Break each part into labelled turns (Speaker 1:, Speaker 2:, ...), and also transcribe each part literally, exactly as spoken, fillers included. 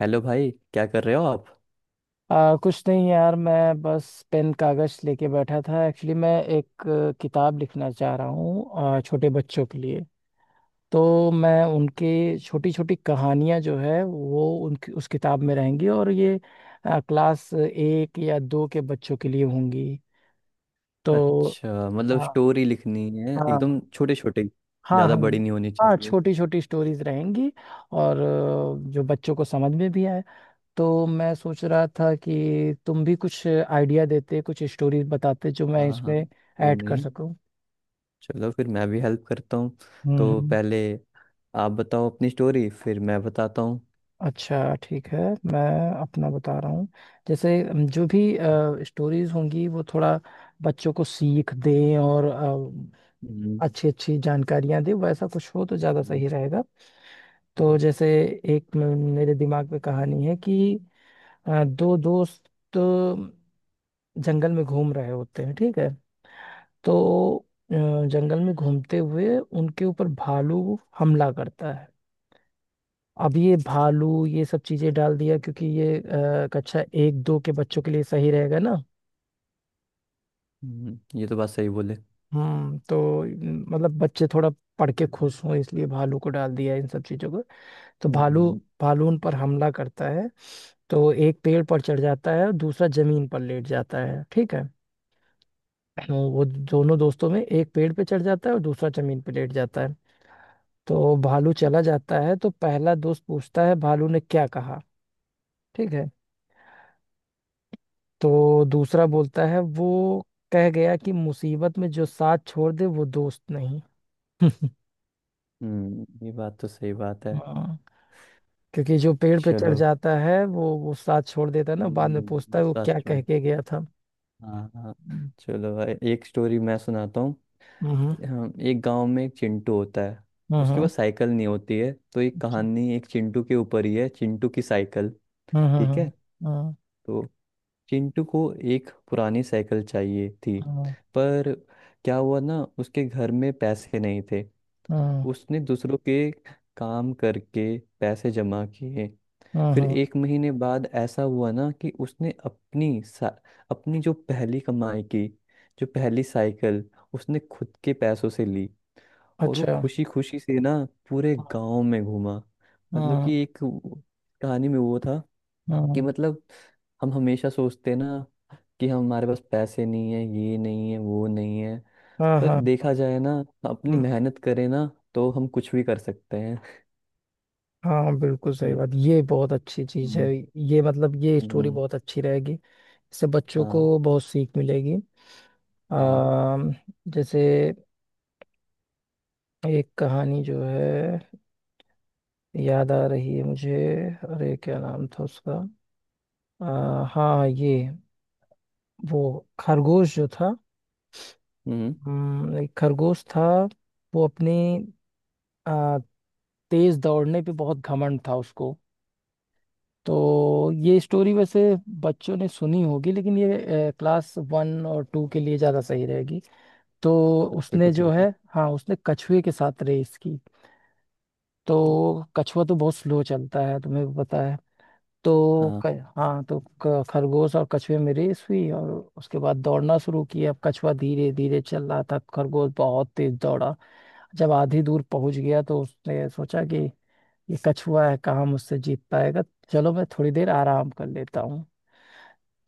Speaker 1: Hello भाई, क्या कर रहे हो आप।
Speaker 2: आ, कुछ नहीं यार, मैं बस पेन कागज लेके बैठा था। एक्चुअली मैं एक अ, किताब लिखना चाह रहा हूँ छोटे बच्चों के लिए। तो मैं उनके छोटी छोटी कहानियाँ जो है वो उनकी उस किताब में रहेंगी, और ये अ, क्लास एक या दो के बच्चों के लिए होंगी। तो
Speaker 1: अच्छा, मतलब
Speaker 2: हाँ,
Speaker 1: स्टोरी लिखनी है एकदम
Speaker 2: हाँ,
Speaker 1: छोटे छोटे।
Speaker 2: हाँ, हाँ,
Speaker 1: ज़्यादा बड़ी नहीं होनी
Speaker 2: हाँ,
Speaker 1: चाहिए।
Speaker 2: छोटी छोटी स्टोरीज रहेंगी। और अ, जो बच्चों को समझ में भी आए। तो मैं सोच रहा था कि तुम भी कुछ आइडिया देते, कुछ स्टोरीज बताते जो मैं
Speaker 1: हाँ हाँ।
Speaker 2: इसमें
Speaker 1: वो
Speaker 2: ऐड कर
Speaker 1: नहीं।
Speaker 2: सकूं।
Speaker 1: चलो फिर मैं भी हेल्प करता हूँ।
Speaker 2: हम्म।
Speaker 1: तो
Speaker 2: हम्म।
Speaker 1: पहले आप बताओ अपनी स्टोरी, फिर मैं बताता हूँ।
Speaker 2: अच्छा, ठीक है। मैं अपना बता रहा हूँ। जैसे अम, जो भी स्टोरीज होंगी वो थोड़ा बच्चों को सीख दें, और
Speaker 1: हम्म,
Speaker 2: अच्छी अच्छी जानकारियां दें, वैसा कुछ हो तो ज़्यादा
Speaker 1: हम्म,
Speaker 2: सही रहेगा। तो
Speaker 1: हम्म,
Speaker 2: जैसे एक मे- मेरे दिमाग में कहानी है कि अ, दो दोस्त जंगल में घूम रहे होते हैं, ठीक है। तो अ, जंगल में घूमते हुए उनके ऊपर भालू हमला करता है। अब ये भालू ये सब चीजें डाल दिया क्योंकि ये अ, कक्षा एक दो के बच्चों के लिए सही रहेगा ना।
Speaker 1: हम्म, ये तो बात सही बोले।
Speaker 2: हम्म तो न- मतलब बच्चे थोड़ा पढ़ के खुश हों, इसलिए भालू को डाल दिया है, इन सब चीजों को। तो भालू
Speaker 1: हम्म,
Speaker 2: भालू उन पर हमला करता है। तो एक पेड़ पर चढ़ जाता है और दूसरा जमीन पर लेट जाता है, ठीक है। तो वो दोनों दोस्तों में एक पेड़ पे चढ़ जाता है और दूसरा जमीन पे लेट जाता है। तो भालू चला जाता है, तो पहला दोस्त पूछता है, भालू ने क्या कहा, ठीक है। तो दूसरा बोलता है, वो कह गया कि मुसीबत में जो साथ छोड़ दे वो दोस्त नहीं।
Speaker 1: हम्म, ये बात तो सही बात है।
Speaker 2: हाँ, क्योंकि जो पेड़ पे चढ़
Speaker 1: चलो।
Speaker 2: जाता है वो वो साथ छोड़ देता है ना, बाद में पूछता
Speaker 1: हम्म,
Speaker 2: है वो
Speaker 1: बात
Speaker 2: क्या
Speaker 1: छोड़।
Speaker 2: कह के गया था।
Speaker 1: हाँ हाँ।
Speaker 2: हम्म।
Speaker 1: चलो भाई, एक स्टोरी मैं सुनाता हूँ।
Speaker 2: हम्म।
Speaker 1: हाँ, एक गांव में एक चिंटू होता है। उसके
Speaker 2: हम्म।
Speaker 1: पास साइकिल नहीं होती है, तो एक
Speaker 2: अच्छा।
Speaker 1: कहानी एक चिंटू के ऊपर ही है, चिंटू की साइकिल।
Speaker 2: हम्म।
Speaker 1: ठीक
Speaker 2: हम्म।
Speaker 1: है।
Speaker 2: हम्म।
Speaker 1: तो चिंटू को एक पुरानी साइकिल चाहिए थी।
Speaker 2: हम्म।
Speaker 1: पर क्या हुआ ना, उसके घर में पैसे नहीं थे।
Speaker 2: हम्म।
Speaker 1: उसने दूसरों के काम करके पैसे जमा किए।
Speaker 2: हम्म,
Speaker 1: फिर
Speaker 2: हम्म।
Speaker 1: एक महीने बाद ऐसा हुआ ना कि उसने अपनी सा, अपनी जो पहली कमाई की, जो पहली साइकिल उसने खुद के पैसों से ली। और वो
Speaker 2: अच्छा।
Speaker 1: खुशी खुशी से ना पूरे गांव में घूमा। मतलब
Speaker 2: हम्म।
Speaker 1: कि एक वो- कहानी में वो था कि,
Speaker 2: हम्म।
Speaker 1: मतलब हम हमेशा सोचते हैं ना कि हमारे पास पैसे नहीं है, ये नहीं है, वो नहीं है।
Speaker 2: हाँ,
Speaker 1: पर
Speaker 2: हाँ,
Speaker 1: देखा जाए ना, अपनी
Speaker 2: हाँ,
Speaker 1: मेहनत करें ना, तो हम कुछ भी कर सकते हैं।
Speaker 2: हाँ बिल्कुल सही
Speaker 1: ये
Speaker 2: बात, ये बहुत अच्छी चीज है।
Speaker 1: हम्म।
Speaker 2: ये मतलब ये स्टोरी
Speaker 1: हम्म,
Speaker 2: बहुत अच्छी रहेगी, इससे बच्चों
Speaker 1: हाँ
Speaker 2: को बहुत सीख मिलेगी।
Speaker 1: हाँ।
Speaker 2: आ, जैसे एक कहानी जो है याद आ रही है मुझे। अरे क्या नाम था उसका, आ, हाँ, ये वो खरगोश जो था।
Speaker 1: हम्म,
Speaker 2: हम्म, एक खरगोश था। वो अपनी आ, तेज दौड़ने पे बहुत घमंड था उसको। तो ये स्टोरी वैसे बच्चों ने सुनी होगी, लेकिन ये क्लास वन और टू के लिए ज़्यादा सही रहेगी। तो
Speaker 1: तब फिर तो
Speaker 2: उसने जो
Speaker 1: ठीक है।
Speaker 2: है, हाँ, उसने कछुए के साथ रेस की। तो कछुआ तो बहुत स्लो चलता है, तुम्हें भी पता है। तो
Speaker 1: हाँ।
Speaker 2: क, हाँ तो क- खरगोश और कछुए में रेस हुई, और उसके बाद दौड़ना शुरू किया। अब कछुआ धीरे धीरे चल रहा था, खरगोश बहुत तेज दौड़ा। जब आधी दूर पहुंच गया तो उसने सोचा कि ये कछुआ है कहाँ मुझसे जीत पाएगा, चलो मैं थोड़ी देर आराम कर लेता हूँ।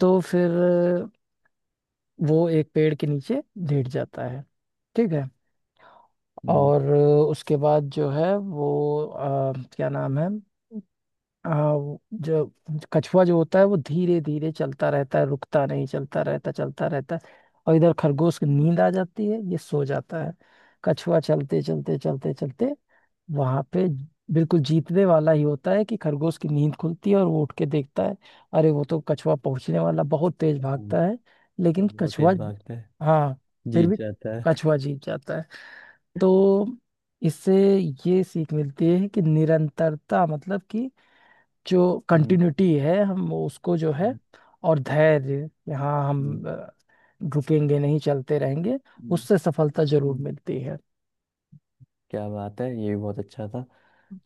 Speaker 2: तो फिर वो एक पेड़ के नीचे लेट जाता है, ठीक है।
Speaker 1: हम्म
Speaker 2: और उसके बाद जो है वो अ, क्या नाम है, हाँ वो जो कछुआ जो होता है वो धीरे धीरे चलता रहता है, रुकता नहीं, चलता रहता चलता रहता है। और इधर खरगोश की नींद आ जाती है, ये सो जाता है। कछुआ चलते चलते चलते चलते वहां पे बिल्कुल जीतने वाला ही होता है कि खरगोश की नींद खुलती है और वो उठ के देखता है, अरे वो तो कछुआ पहुंचने वाला, बहुत तेज
Speaker 1: हम्म,
Speaker 2: भागता है। लेकिन
Speaker 1: बहुत
Speaker 2: कछुआ,
Speaker 1: तेज भागता है,
Speaker 2: हाँ, फिर
Speaker 1: जीत
Speaker 2: भी
Speaker 1: जाता है।
Speaker 2: कछुआ जीत जाता है। तो इससे ये सीख मिलती है कि निरंतरता, मतलब कि जो
Speaker 1: हम्म
Speaker 2: कंटिन्यूटी है हम उसको जो है
Speaker 1: हम्म
Speaker 2: और धैर्य, यहाँ
Speaker 1: हम्म
Speaker 2: हम अ, रुकेंगे नहीं, चलते रहेंगे, उससे सफलता जरूर
Speaker 1: हम्म,
Speaker 2: मिलती है।
Speaker 1: क्या बात है, ये भी बहुत अच्छा था।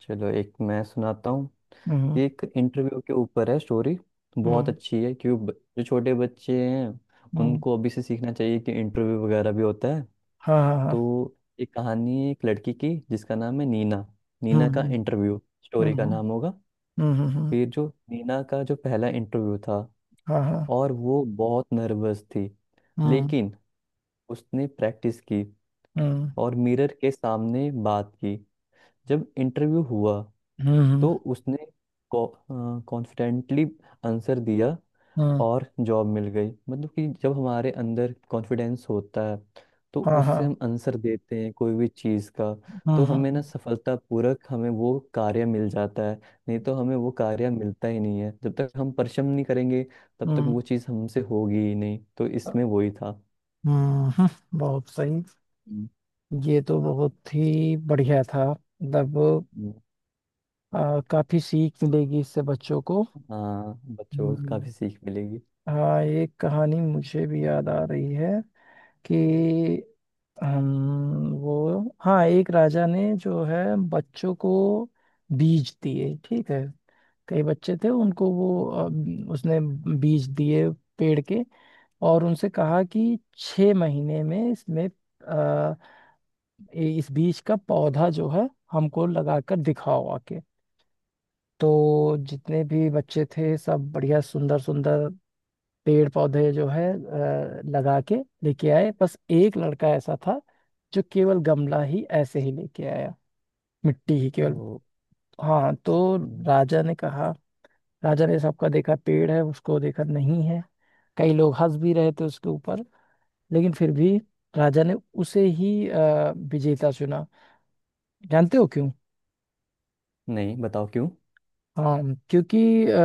Speaker 1: चलो एक मैं सुनाता हूँ।
Speaker 2: हम्म।
Speaker 1: ये एक इंटरव्यू के ऊपर है स्टोरी। बहुत
Speaker 2: हम्म।
Speaker 1: अच्छी है क्यों, ब- जो छोटे बच्चे हैं
Speaker 2: हम्म।
Speaker 1: उनको अभी से सीखना चाहिए कि इंटरव्यू वगैरह भी होता है।
Speaker 2: हाँ, हाँ, हाँ।
Speaker 1: तो ये कहानी है एक लड़की की जिसका नाम है नीना। नीना का
Speaker 2: हम्म।
Speaker 1: इंटरव्यू स्टोरी का
Speaker 2: हम्म।
Speaker 1: नाम होगा।
Speaker 2: हम्म। हम्म। हम्म, हम्म।
Speaker 1: फिर जो नीना का जो पहला इंटरव्यू था,
Speaker 2: हाँ, हाँ।
Speaker 1: और वो बहुत नर्वस थी।
Speaker 2: हम्म।
Speaker 1: लेकिन उसने प्रैक्टिस की
Speaker 2: हम्म।
Speaker 1: और मिरर के सामने बात की। जब इंटरव्यू हुआ
Speaker 2: हम्म।
Speaker 1: तो उसने कॉन्फिडेंटली आंसर दिया,
Speaker 2: हम्म,
Speaker 1: और जॉब मिल गई। मतलब कि जब हमारे अंदर कॉन्फिडेंस होता है तो
Speaker 2: हाँ, हाँ।
Speaker 1: उससे हम आंसर देते हैं कोई भी चीज़ का।
Speaker 2: हम्म।
Speaker 1: तो हमें ना
Speaker 2: हम्म।
Speaker 1: सफलतापूर्वक हमें वो कार्य मिल जाता है। नहीं तो हमें वो कार्य मिलता ही नहीं है। जब तक हम परिश्रम नहीं करेंगे तब तक
Speaker 2: हम्म।
Speaker 1: वो चीज़ हमसे होगी ही नहीं। तो इसमें वही था।
Speaker 2: हम्म। हम्म, बहुत सही।
Speaker 1: हम्म,
Speaker 2: ये तो बहुत ही बढ़िया था, मतलब
Speaker 1: हम्म,
Speaker 2: अ, काफी सीख मिलेगी इससे बच्चों को।
Speaker 1: हाँ, बच्चों को
Speaker 2: हम्म।
Speaker 1: काफ़ी सीख मिलेगी।
Speaker 2: हाँ, ये कहानी मुझे भी याद आ रही है कि हम वो हाँ, एक राजा ने जो है बच्चों को बीज दिए, ठीक है। कई बच्चे थे, उनको वो अ, उसने बीज दिए, पेड़ के। और उनसे कहा कि छह महीने में इसमें अ, ए- इस बीज का पौधा जो है हमको लगाकर दिखाओ आके। तो जितने भी बच्चे थे, सब बढ़िया सुंदर सुंदर पेड़ पौधे जो है अ, लगा के लेके आए। बस एक लड़का ऐसा था जो केवल गमला ही ऐसे ही लेके आया, मिट्टी ही केवल।
Speaker 1: तो
Speaker 2: हाँ तो
Speaker 1: हम्म,
Speaker 2: राजा ने कहा, राजा ने सबका देखा, पेड़ है उसको देखा नहीं है, कई लोग हंस भी रहे थे उसके ऊपर। लेकिन फिर भी राजा ने उसे ही अ, विजेता चुना। जानते हो क्यों?
Speaker 1: नहीं, बताओ क्यों।
Speaker 2: हाँ, क्योंकि अ,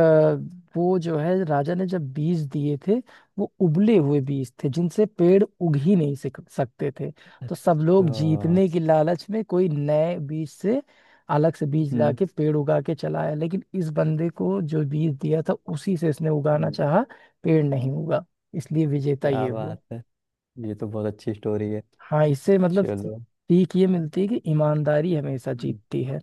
Speaker 2: वो जो है राजा ने जब बीज दिए थे, वो उबले हुए बीज थे जिनसे पेड़ उग ही नहीं सक- सकते थे। तो सब
Speaker 1: अच्छा।
Speaker 2: लोग जीतने की लालच में कोई नए बीज से, अलग से बीज ला
Speaker 1: हम्म
Speaker 2: के पेड़ उगा के चलाया, लेकिन इस बंदे को जो बीज दिया था उसी से इसने उगाना
Speaker 1: हम्म,
Speaker 2: चाहा। पेड़ नहीं उगा, इसलिए विजेता
Speaker 1: क्या
Speaker 2: ये हुआ।
Speaker 1: बात है, ये तो बहुत अच्छी स्टोरी है।
Speaker 2: हाँ इससे मतलब
Speaker 1: चलो।
Speaker 2: सीख ये मिलती है कि ईमानदारी हमेशा
Speaker 1: हम्म,
Speaker 2: जीतती है।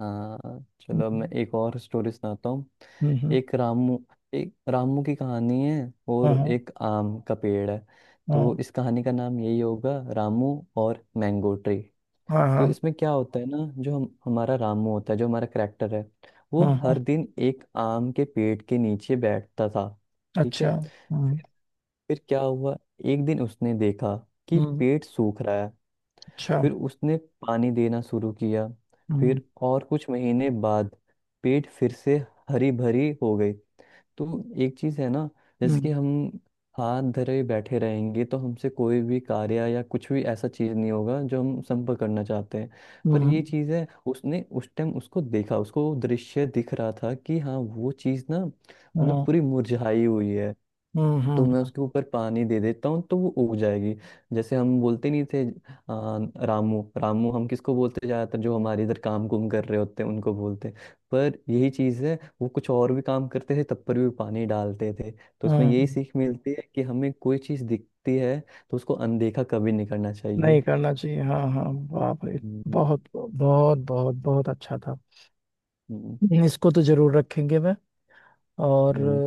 Speaker 1: हाँ। चलो अब मैं
Speaker 2: हम्म।
Speaker 1: एक और स्टोरी सुनाता हूँ।
Speaker 2: हम्म।
Speaker 1: एक रामू, एक रामू की कहानी है और
Speaker 2: हम्म।
Speaker 1: एक आम का पेड़ है। तो
Speaker 2: हम्म,
Speaker 1: इस कहानी का नाम यही होगा, रामू और मैंगो ट्री।
Speaker 2: हाँ,
Speaker 1: तो
Speaker 2: हाँ,
Speaker 1: इसमें क्या होता है ना, जो हम, हमारा रामू होता है जो हमारा करेक्टर है, वो
Speaker 2: हाँ, हाँ, हाँ,
Speaker 1: हर
Speaker 2: हाँ।
Speaker 1: दिन एक आम के पेड़ के नीचे बैठता था। ठीक है।
Speaker 2: अच्छा। हम्म।
Speaker 1: फिर फिर क्या हुआ, एक दिन उसने देखा कि
Speaker 2: हम्म।
Speaker 1: पेड़ सूख रहा है।
Speaker 2: अच्छा।
Speaker 1: फिर उसने पानी देना शुरू किया।
Speaker 2: हम्म।
Speaker 1: फिर और कुछ महीने बाद पेट फिर से हरी भरी हो गई। तो एक चीज है ना, जैसे
Speaker 2: हम्म।
Speaker 1: कि हम हाथ धरे बैठे रहेंगे तो हमसे कोई भी कार्य या कुछ भी ऐसा चीज नहीं होगा जो हम संपर्क करना चाहते हैं। पर ये
Speaker 2: हम्म।
Speaker 1: चीज है, उसने उस टाइम उसको देखा, उसको दृश्य दिख रहा था कि हाँ, वो चीज ना मतलब
Speaker 2: हम्म।
Speaker 1: पूरी मुरझाई हुई है।
Speaker 2: हम्म। हम्म,
Speaker 1: तो मैं
Speaker 2: हम्म।
Speaker 1: उसके ऊपर पानी दे देता हूँ तो वो उग जाएगी। जैसे हम बोलते नहीं थे आ, रामू रामू, हम किसको बोलते, ज़्यादातर जो हमारे इधर काम कुम कर रहे होते हैं उनको बोलते हैं। पर यही चीज़ है, वो कुछ और भी काम करते थे तब पर भी पानी डालते थे। तो उसमें यही
Speaker 2: हम्म।
Speaker 1: सीख मिलती है कि हमें कोई चीज़ दिखती है तो उसको अनदेखा कभी नहीं करना
Speaker 2: नहीं
Speaker 1: चाहिए।
Speaker 2: करना चाहिए, हाँ, हाँ, बाप रे,
Speaker 1: हम्म,
Speaker 2: बहुत बहुत बहुत बहुत अच्छा था।
Speaker 1: हम्म,
Speaker 2: इसको तो जरूर रखेंगे मैं। और
Speaker 1: हम्म,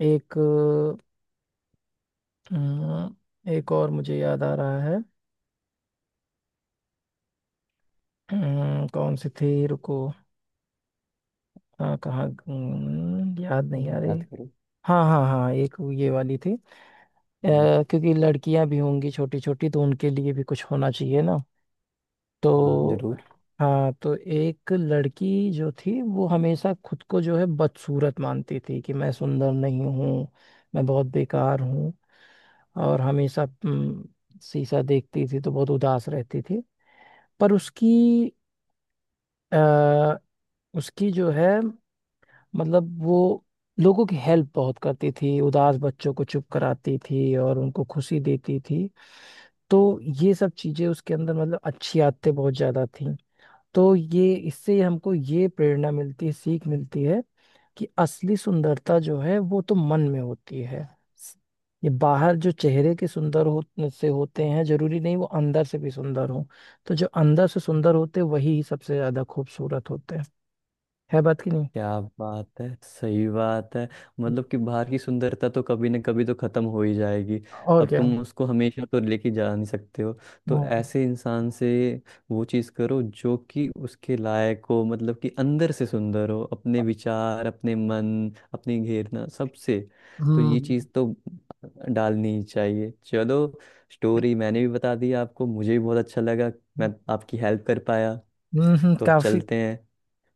Speaker 2: अ, एक अ, एक और मुझे याद आ रहा है। अ, कौन सी थी, रुको। हाँ कहाँ, अम, याद नहीं आ
Speaker 1: हम्म, याद
Speaker 2: रही।
Speaker 1: करो।
Speaker 2: हाँ, हाँ, हाँ, एक ये वाली थी। अ,
Speaker 1: हम्म,
Speaker 2: क्योंकि लड़कियां भी होंगी छोटी छोटी, तो उनके लिए भी कुछ होना चाहिए ना।
Speaker 1: हाँ
Speaker 2: तो
Speaker 1: जरूर।
Speaker 2: हाँ, तो एक लड़की जो थी वो हमेशा खुद को जो है बदसूरत मानती थी, कि मैं सुंदर नहीं हूँ, मैं बहुत बेकार हूँ। और हमेशा हम्म, शीशा देखती थी तो बहुत उदास रहती थी। पर उसकी आ, उसकी जो है मतलब वो लोगों की हेल्प बहुत करती थी, उदास बच्चों को चुप कराती थी और उनको खुशी देती थी। तो ये सब चीजें उसके अंदर, मतलब अच्छी आदतें बहुत ज्यादा थी। तो ये इससे हमको ये प्रेरणा मिलती है, सीख मिलती है कि असली सुंदरता जो है वो तो मन में होती है। ये बाहर जो चेहरे के सुंदर हो से होते हैं, जरूरी नहीं वो अंदर से भी सुंदर हो। तो जो अंदर से सुंदर होते हैं, वही सबसे ज्यादा खूबसूरत होते हैं। है बात कि नहीं?
Speaker 1: क्या बात है, सही बात है। मतलब कि बाहर की सुंदरता तो कभी ना कभी तो खत्म हो ही जाएगी।
Speaker 2: और
Speaker 1: अब
Speaker 2: क्या।
Speaker 1: तुम उसको हमेशा तो लेके जा नहीं सकते हो। तो
Speaker 2: हम्म।
Speaker 1: ऐसे इंसान से वो चीज करो जो कि उसके लायक हो। मतलब कि अंदर से सुंदर हो, अपने विचार, अपने मन, अपनी घेरना सबसे। तो ये
Speaker 2: हम्म।
Speaker 1: चीज तो डालनी ही चाहिए। चलो, स्टोरी मैंने भी बता दी आपको, मुझे भी बहुत अच्छा लगा, मैं आपकी हेल्प कर पाया।
Speaker 2: हम्म,
Speaker 1: तो अब
Speaker 2: काफी।
Speaker 1: चलते हैं,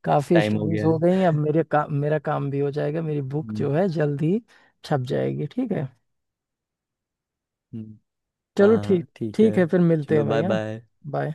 Speaker 2: काफी
Speaker 1: टाइम हो
Speaker 2: स्टोरीज
Speaker 1: गया
Speaker 2: हो गई,
Speaker 1: है।
Speaker 2: अब मेरे का, मेरा काम भी हो जाएगा, मेरी बुक
Speaker 1: हम्म,
Speaker 2: जो है जल्द ही छप जाएगी, ठीक है।
Speaker 1: हम्म।
Speaker 2: चलो,
Speaker 1: हाँ
Speaker 2: ठीक।
Speaker 1: ठीक है।
Speaker 2: ठीक है फिर, मिलते
Speaker 1: चलो,
Speaker 2: हैं भाई,
Speaker 1: बाय
Speaker 2: है ना।
Speaker 1: बाय।
Speaker 2: बाय।